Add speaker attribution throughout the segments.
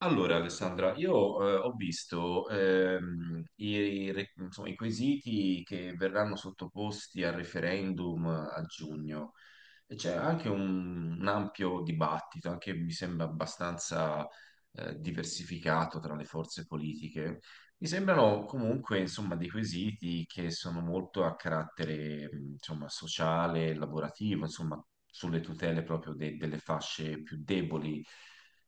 Speaker 1: Allora, Alessandra, io ho visto insomma, i quesiti che verranno sottoposti al referendum a giugno e c'è anche un ampio dibattito, anche mi sembra abbastanza diversificato tra le forze politiche. Mi sembrano comunque, insomma, dei quesiti che sono molto a carattere, insomma, sociale, lavorativo, insomma, sulle tutele proprio delle fasce più deboli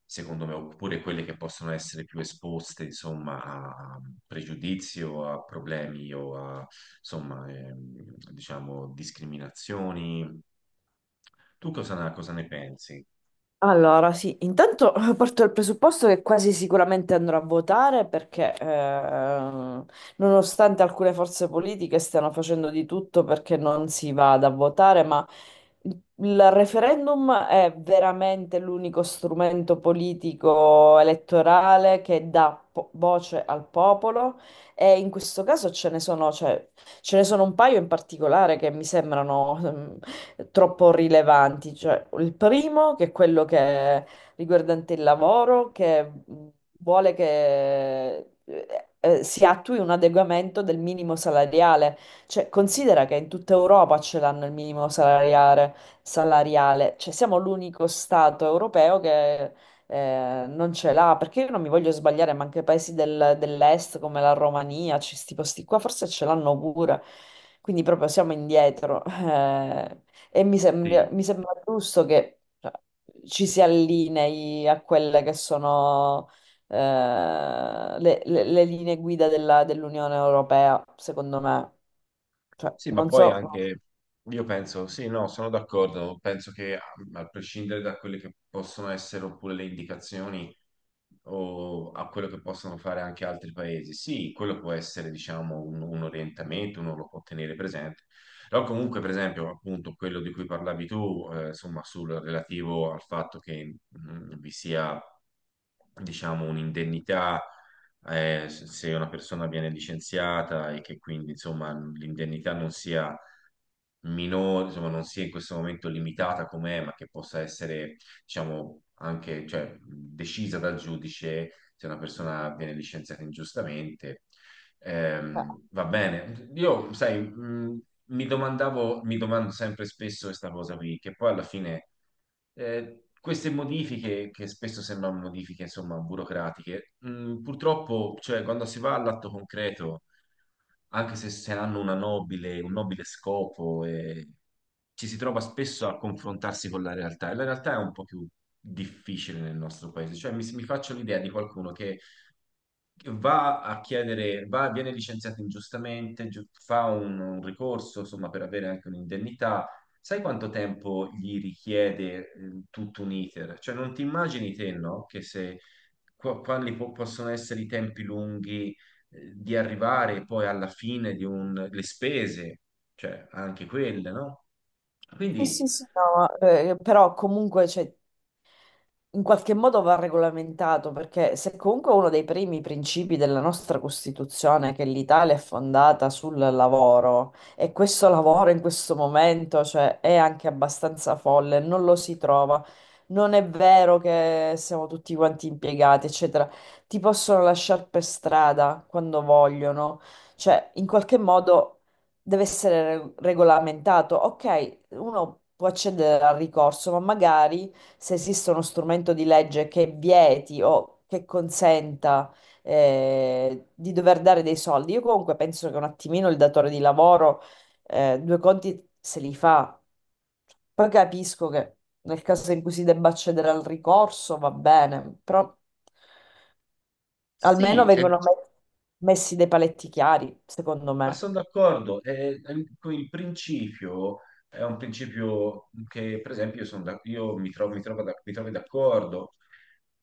Speaker 1: secondo me, oppure quelle che possono essere più esposte, insomma, a pregiudizi o a problemi o a, insomma, diciamo, discriminazioni. Tu cosa ne pensi?
Speaker 2: Allora, sì, intanto parto dal presupposto che quasi sicuramente andrò a votare perché nonostante alcune forze politiche stiano facendo di tutto perché non si vada a votare, ma il referendum è veramente l'unico strumento politico elettorale che dà voce al popolo e in questo caso ce ne sono, cioè, ce ne sono un paio in particolare che mi sembrano troppo rilevanti. Cioè, il primo, che è quello che è riguardante il lavoro, che vuole che si attui un adeguamento del minimo salariale. Cioè, considera che in tutta Europa ce l'hanno il minimo salariale. Cioè, siamo l'unico Stato europeo che non ce l'ha, perché io non mi voglio sbagliare, ma anche paesi dell'est come la Romania, questi posti qua, forse ce l'hanno pure. Quindi proprio siamo indietro. Eh, e
Speaker 1: Sì.
Speaker 2: mi sembra giusto che cioè, ci si allinei a quelle che sono le, le linee guida dell'Unione Europea, secondo me. Cioè,
Speaker 1: Sì, ma
Speaker 2: non
Speaker 1: poi
Speaker 2: so,
Speaker 1: anche io penso, sì, no, sono d'accordo, penso che a, a prescindere da quelle che possono essere oppure le indicazioni o a quello che possono fare anche altri paesi, sì, quello può essere, diciamo, un orientamento, uno lo può tenere presente, però comunque, per esempio, appunto, quello di cui parlavi tu, insomma, sul relativo al fatto che vi sia, diciamo, un'indennità se una persona viene licenziata e che quindi insomma l'indennità non sia minore, insomma non sia in questo momento limitata com'è, ma che possa essere diciamo anche cioè, decisa dal giudice se una persona viene licenziata ingiustamente. Va bene, io sai, mi domando sempre spesso questa cosa qui, che poi alla fine queste modifiche, che spesso sembrano modifiche, insomma, burocratiche, purtroppo, cioè, quando si va all'atto concreto, anche se hanno una un nobile scopo, ci si trova spesso a confrontarsi con la realtà, e la realtà è un po' più difficile nel nostro paese. Cioè, mi faccio l'idea di qualcuno che va a chiedere, viene licenziato ingiustamente, fa un ricorso, insomma, per avere anche un'indennità. Sai quanto tempo gli richiede tutto un iter? Cioè, non ti immagini te, no? Che se quali possono essere i tempi lunghi di arrivare poi alla fine di un, le spese, cioè anche quelle, no? Quindi
Speaker 2: sì, sì, sì, no, ma, però comunque cioè, in qualche modo va regolamentato, perché se comunque uno dei primi principi della nostra Costituzione è che l'Italia è fondata sul lavoro e questo lavoro in questo momento, cioè, è anche abbastanza folle, non lo si trova. Non è vero che siamo tutti quanti impiegati, eccetera. Ti possono lasciare per strada quando vogliono. Cioè, in qualche modo deve essere regolamentato. Ok, uno può accedere al ricorso, ma magari se esiste uno strumento di legge che vieti o che consenta di dover dare dei soldi. Io comunque penso che un attimino il datore di lavoro due conti se li fa. Poi capisco che nel caso in cui si debba accedere al ricorso va bene, però almeno
Speaker 1: sì, è.
Speaker 2: vengono messi dei paletti chiari, secondo
Speaker 1: Ma
Speaker 2: me.
Speaker 1: sono d'accordo, con il principio è un principio che, per esempio, io, io mi trovo d'accordo,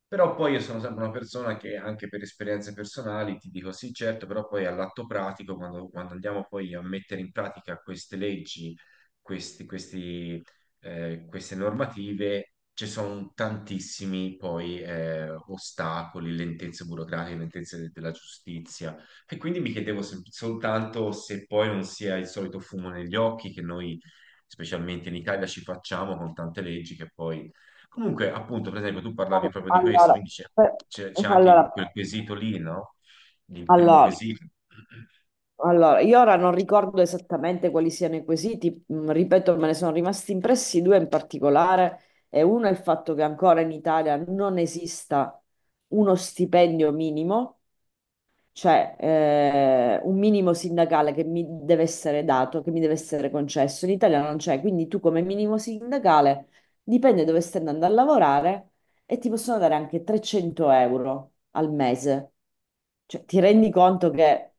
Speaker 1: però poi io sono sempre una persona che anche per esperienze personali ti dico sì, certo, però poi all'atto pratico, quando andiamo poi a mettere in pratica queste leggi, questi, queste normative, ci sono tantissimi poi ostacoli, lentezze burocratiche, lentezze della giustizia e quindi mi chiedevo soltanto se poi non sia il solito fumo negli occhi che noi, specialmente in Italia, ci facciamo con tante leggi che poi... Comunque, appunto, per esempio, tu parlavi proprio di questo,
Speaker 2: Allora,
Speaker 1: quindi c'è
Speaker 2: per-
Speaker 1: c'è anche
Speaker 2: allora,
Speaker 1: quel quesito lì, no? Il primo
Speaker 2: allora,
Speaker 1: quesito.
Speaker 2: Allora, io ora non ricordo esattamente quali siano i quesiti, ripeto, me ne sono rimasti impressi due in particolare, e uno è il fatto che ancora in Italia non esista uno stipendio minimo cioè, un minimo sindacale che mi deve essere dato, che mi deve essere concesso. In Italia non c'è, quindi tu come minimo sindacale dipende dove stai andando a lavorare e ti possono dare anche 300 € al mese. Cioè, ti rendi conto che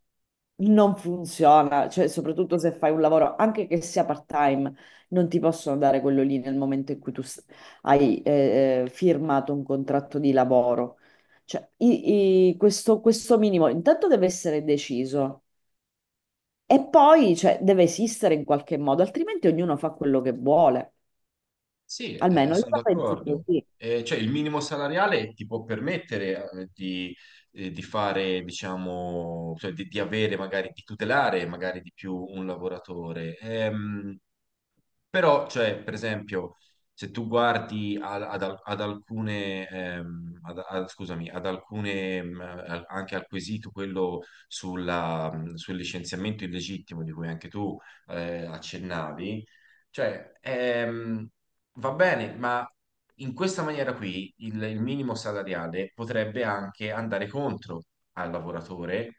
Speaker 2: non funziona, cioè, soprattutto se fai un lavoro, anche che sia part-time, non ti possono dare quello lì nel momento in cui hai firmato un contratto di lavoro. Cioè, questo, questo minimo intanto deve essere deciso e poi cioè, deve esistere in qualche modo, altrimenti ognuno fa quello che vuole.
Speaker 1: Sì,
Speaker 2: Almeno io
Speaker 1: sono
Speaker 2: la penso
Speaker 1: d'accordo.
Speaker 2: così.
Speaker 1: Cioè, il minimo salariale ti può permettere di fare, diciamo, cioè, di avere magari, di tutelare magari di più un lavoratore. Però, cioè, per esempio, se tu guardi ad alcune, scusami, ad alcune, anche al quesito quello sulla, sul licenziamento illegittimo di cui anche tu accennavi, cioè, va bene, ma in questa maniera qui il minimo salariale potrebbe anche andare contro al lavoratore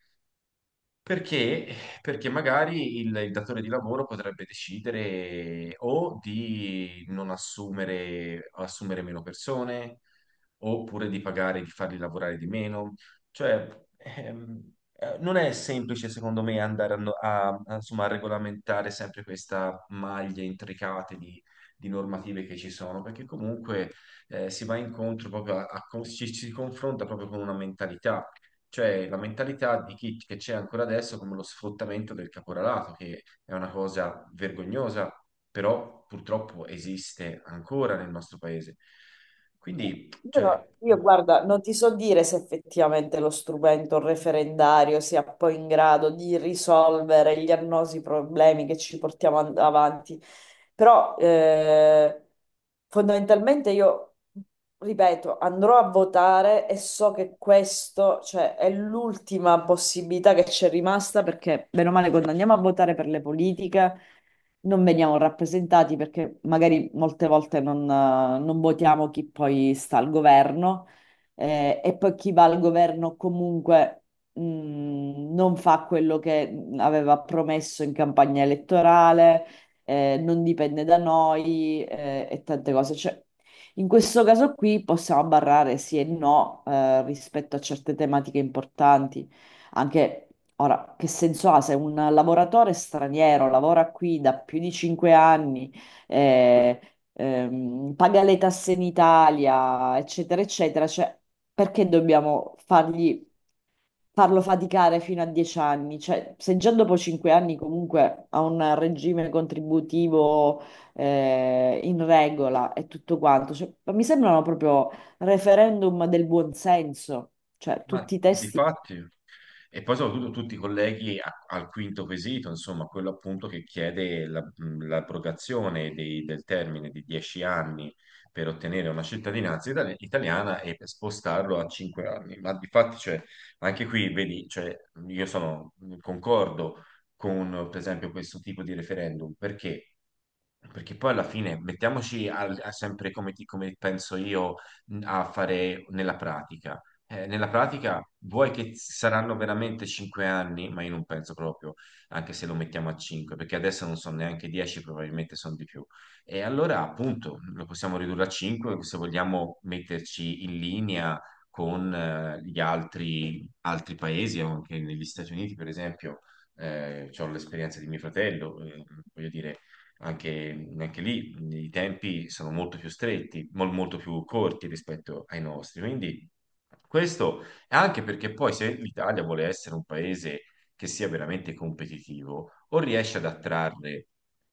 Speaker 1: perché? Perché magari il datore di lavoro potrebbe decidere o di non assumere, assumere meno persone, oppure di pagare, di farli lavorare di meno. Cioè, non è semplice, secondo me, andare a, no- a- a, insomma, a regolamentare sempre questa maglia intricata di normative che ci sono, perché comunque si va incontro proprio ci si confronta proprio con una mentalità cioè la mentalità di chi che c'è ancora adesso come lo sfruttamento del caporalato, che è una cosa vergognosa, però purtroppo esiste ancora nel nostro paese. Quindi, cioè,
Speaker 2: Io, guarda, non ti so dire se effettivamente lo strumento referendario sia poi in grado di risolvere gli annosi problemi che ci portiamo avanti, però fondamentalmente io, ripeto, andrò a votare e so che questo, cioè, è l'ultima possibilità che c'è rimasta perché, bene o male, quando andiamo a votare per le politiche non veniamo rappresentati perché magari molte volte non votiamo chi poi sta al governo e poi chi va al governo comunque mh, non fa quello che aveva promesso in campagna elettorale, non dipende da noi e tante cose. Cioè, in questo caso qui possiamo barrare sì e no rispetto a certe tematiche importanti. Anche ora, che senso ha se un lavoratore straniero lavora qui da più di 5 anni, eh, paga le tasse in Italia, eccetera, eccetera, cioè, perché dobbiamo farlo faticare fino a 10 anni? Cioè, se già dopo 5 anni comunque ha un regime contributivo, in regola e tutto quanto, cioè, mi sembrano proprio referendum del buonsenso, cioè
Speaker 1: ma
Speaker 2: tutti i testi.
Speaker 1: difatti, e poi soprattutto tutti i colleghi al quinto quesito, insomma, quello appunto che chiede l'abrogazione del termine di 10 anni per ottenere una cittadinanza italiana e per spostarlo a 5 anni. Ma difatti, cioè, anche qui, vedi, cioè, io sono, concordo con, per esempio, questo tipo di referendum, perché? Perché poi alla fine mettiamoci al- a sempre come, come penso io a fare nella pratica. Nella pratica, vuoi che saranno veramente 5 anni, ma io non penso proprio, anche se lo mettiamo a 5, perché adesso non sono neanche 10, probabilmente sono di più. E allora, appunto, lo possiamo ridurre a 5 se vogliamo metterci in linea con altri paesi, anche negli Stati Uniti, per esempio, ho l'esperienza di mio fratello, voglio dire, anche lì i tempi sono molto più stretti, molto più corti rispetto ai nostri. Quindi questo è anche perché poi se l'Italia vuole essere un paese che sia veramente competitivo, o riesce ad attrarre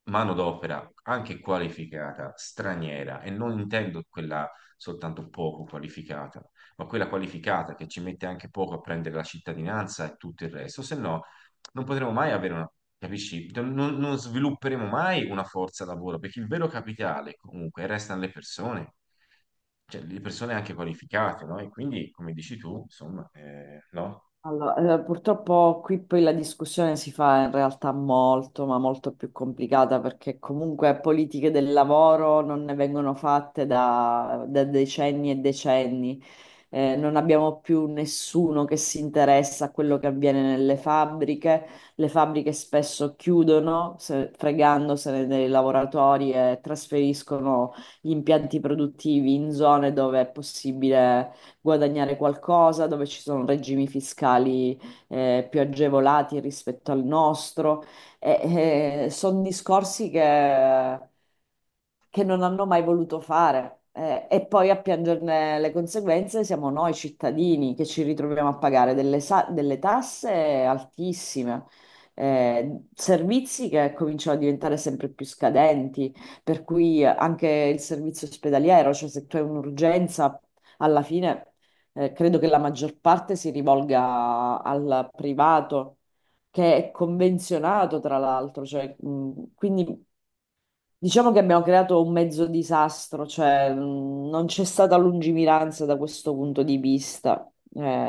Speaker 1: manodopera anche qualificata, straniera, e non intendo quella soltanto poco qualificata, ma quella qualificata che ci mette anche poco a prendere la cittadinanza e tutto il resto, se no non potremo mai avere una, capisci? Non svilupperemo mai una forza lavoro, perché il vero capitale comunque restano le persone, cioè le persone anche qualificate, no? E quindi, come dici tu, insomma, no?
Speaker 2: Allora, purtroppo qui poi la discussione si fa in realtà molto, ma molto più complicata perché comunque politiche del lavoro non ne vengono fatte da decenni e decenni. Non abbiamo più nessuno che si interessa a quello che avviene nelle fabbriche. Le fabbriche spesso chiudono, fregandosene dei lavoratori e trasferiscono gli impianti produttivi in zone dove è possibile guadagnare qualcosa, dove ci sono regimi fiscali più agevolati rispetto al nostro. E, sono discorsi che non hanno mai voluto fare. E poi a piangerne le conseguenze siamo noi cittadini che ci ritroviamo a pagare delle tasse altissime, servizi che cominciano a diventare sempre più scadenti, per cui anche il servizio ospedaliero, cioè se tu hai un'urgenza, alla fine. Credo che la maggior parte si rivolga al privato, che è convenzionato tra l'altro, cioè, quindi diciamo che abbiamo creato un mezzo disastro, cioè, non c'è stata lungimiranza da questo punto di vista.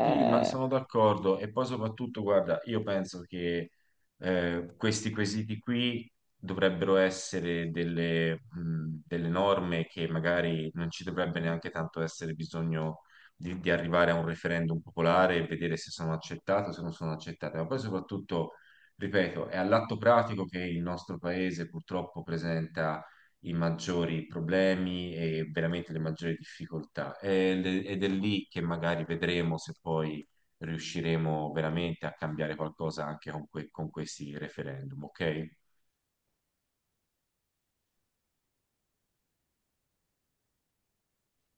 Speaker 1: Sì, ma sono d'accordo e poi soprattutto, guarda, io penso che questi quesiti qui dovrebbero essere delle, delle norme che magari non ci dovrebbe neanche tanto essere bisogno di arrivare a un referendum popolare e vedere se sono accettate o se non sono accettate, ma poi soprattutto, ripeto, è all'atto pratico che il nostro paese purtroppo presenta i maggiori problemi e veramente le maggiori difficoltà. Ed è lì che magari vedremo se poi riusciremo veramente a cambiare qualcosa anche con questi referendum, ok?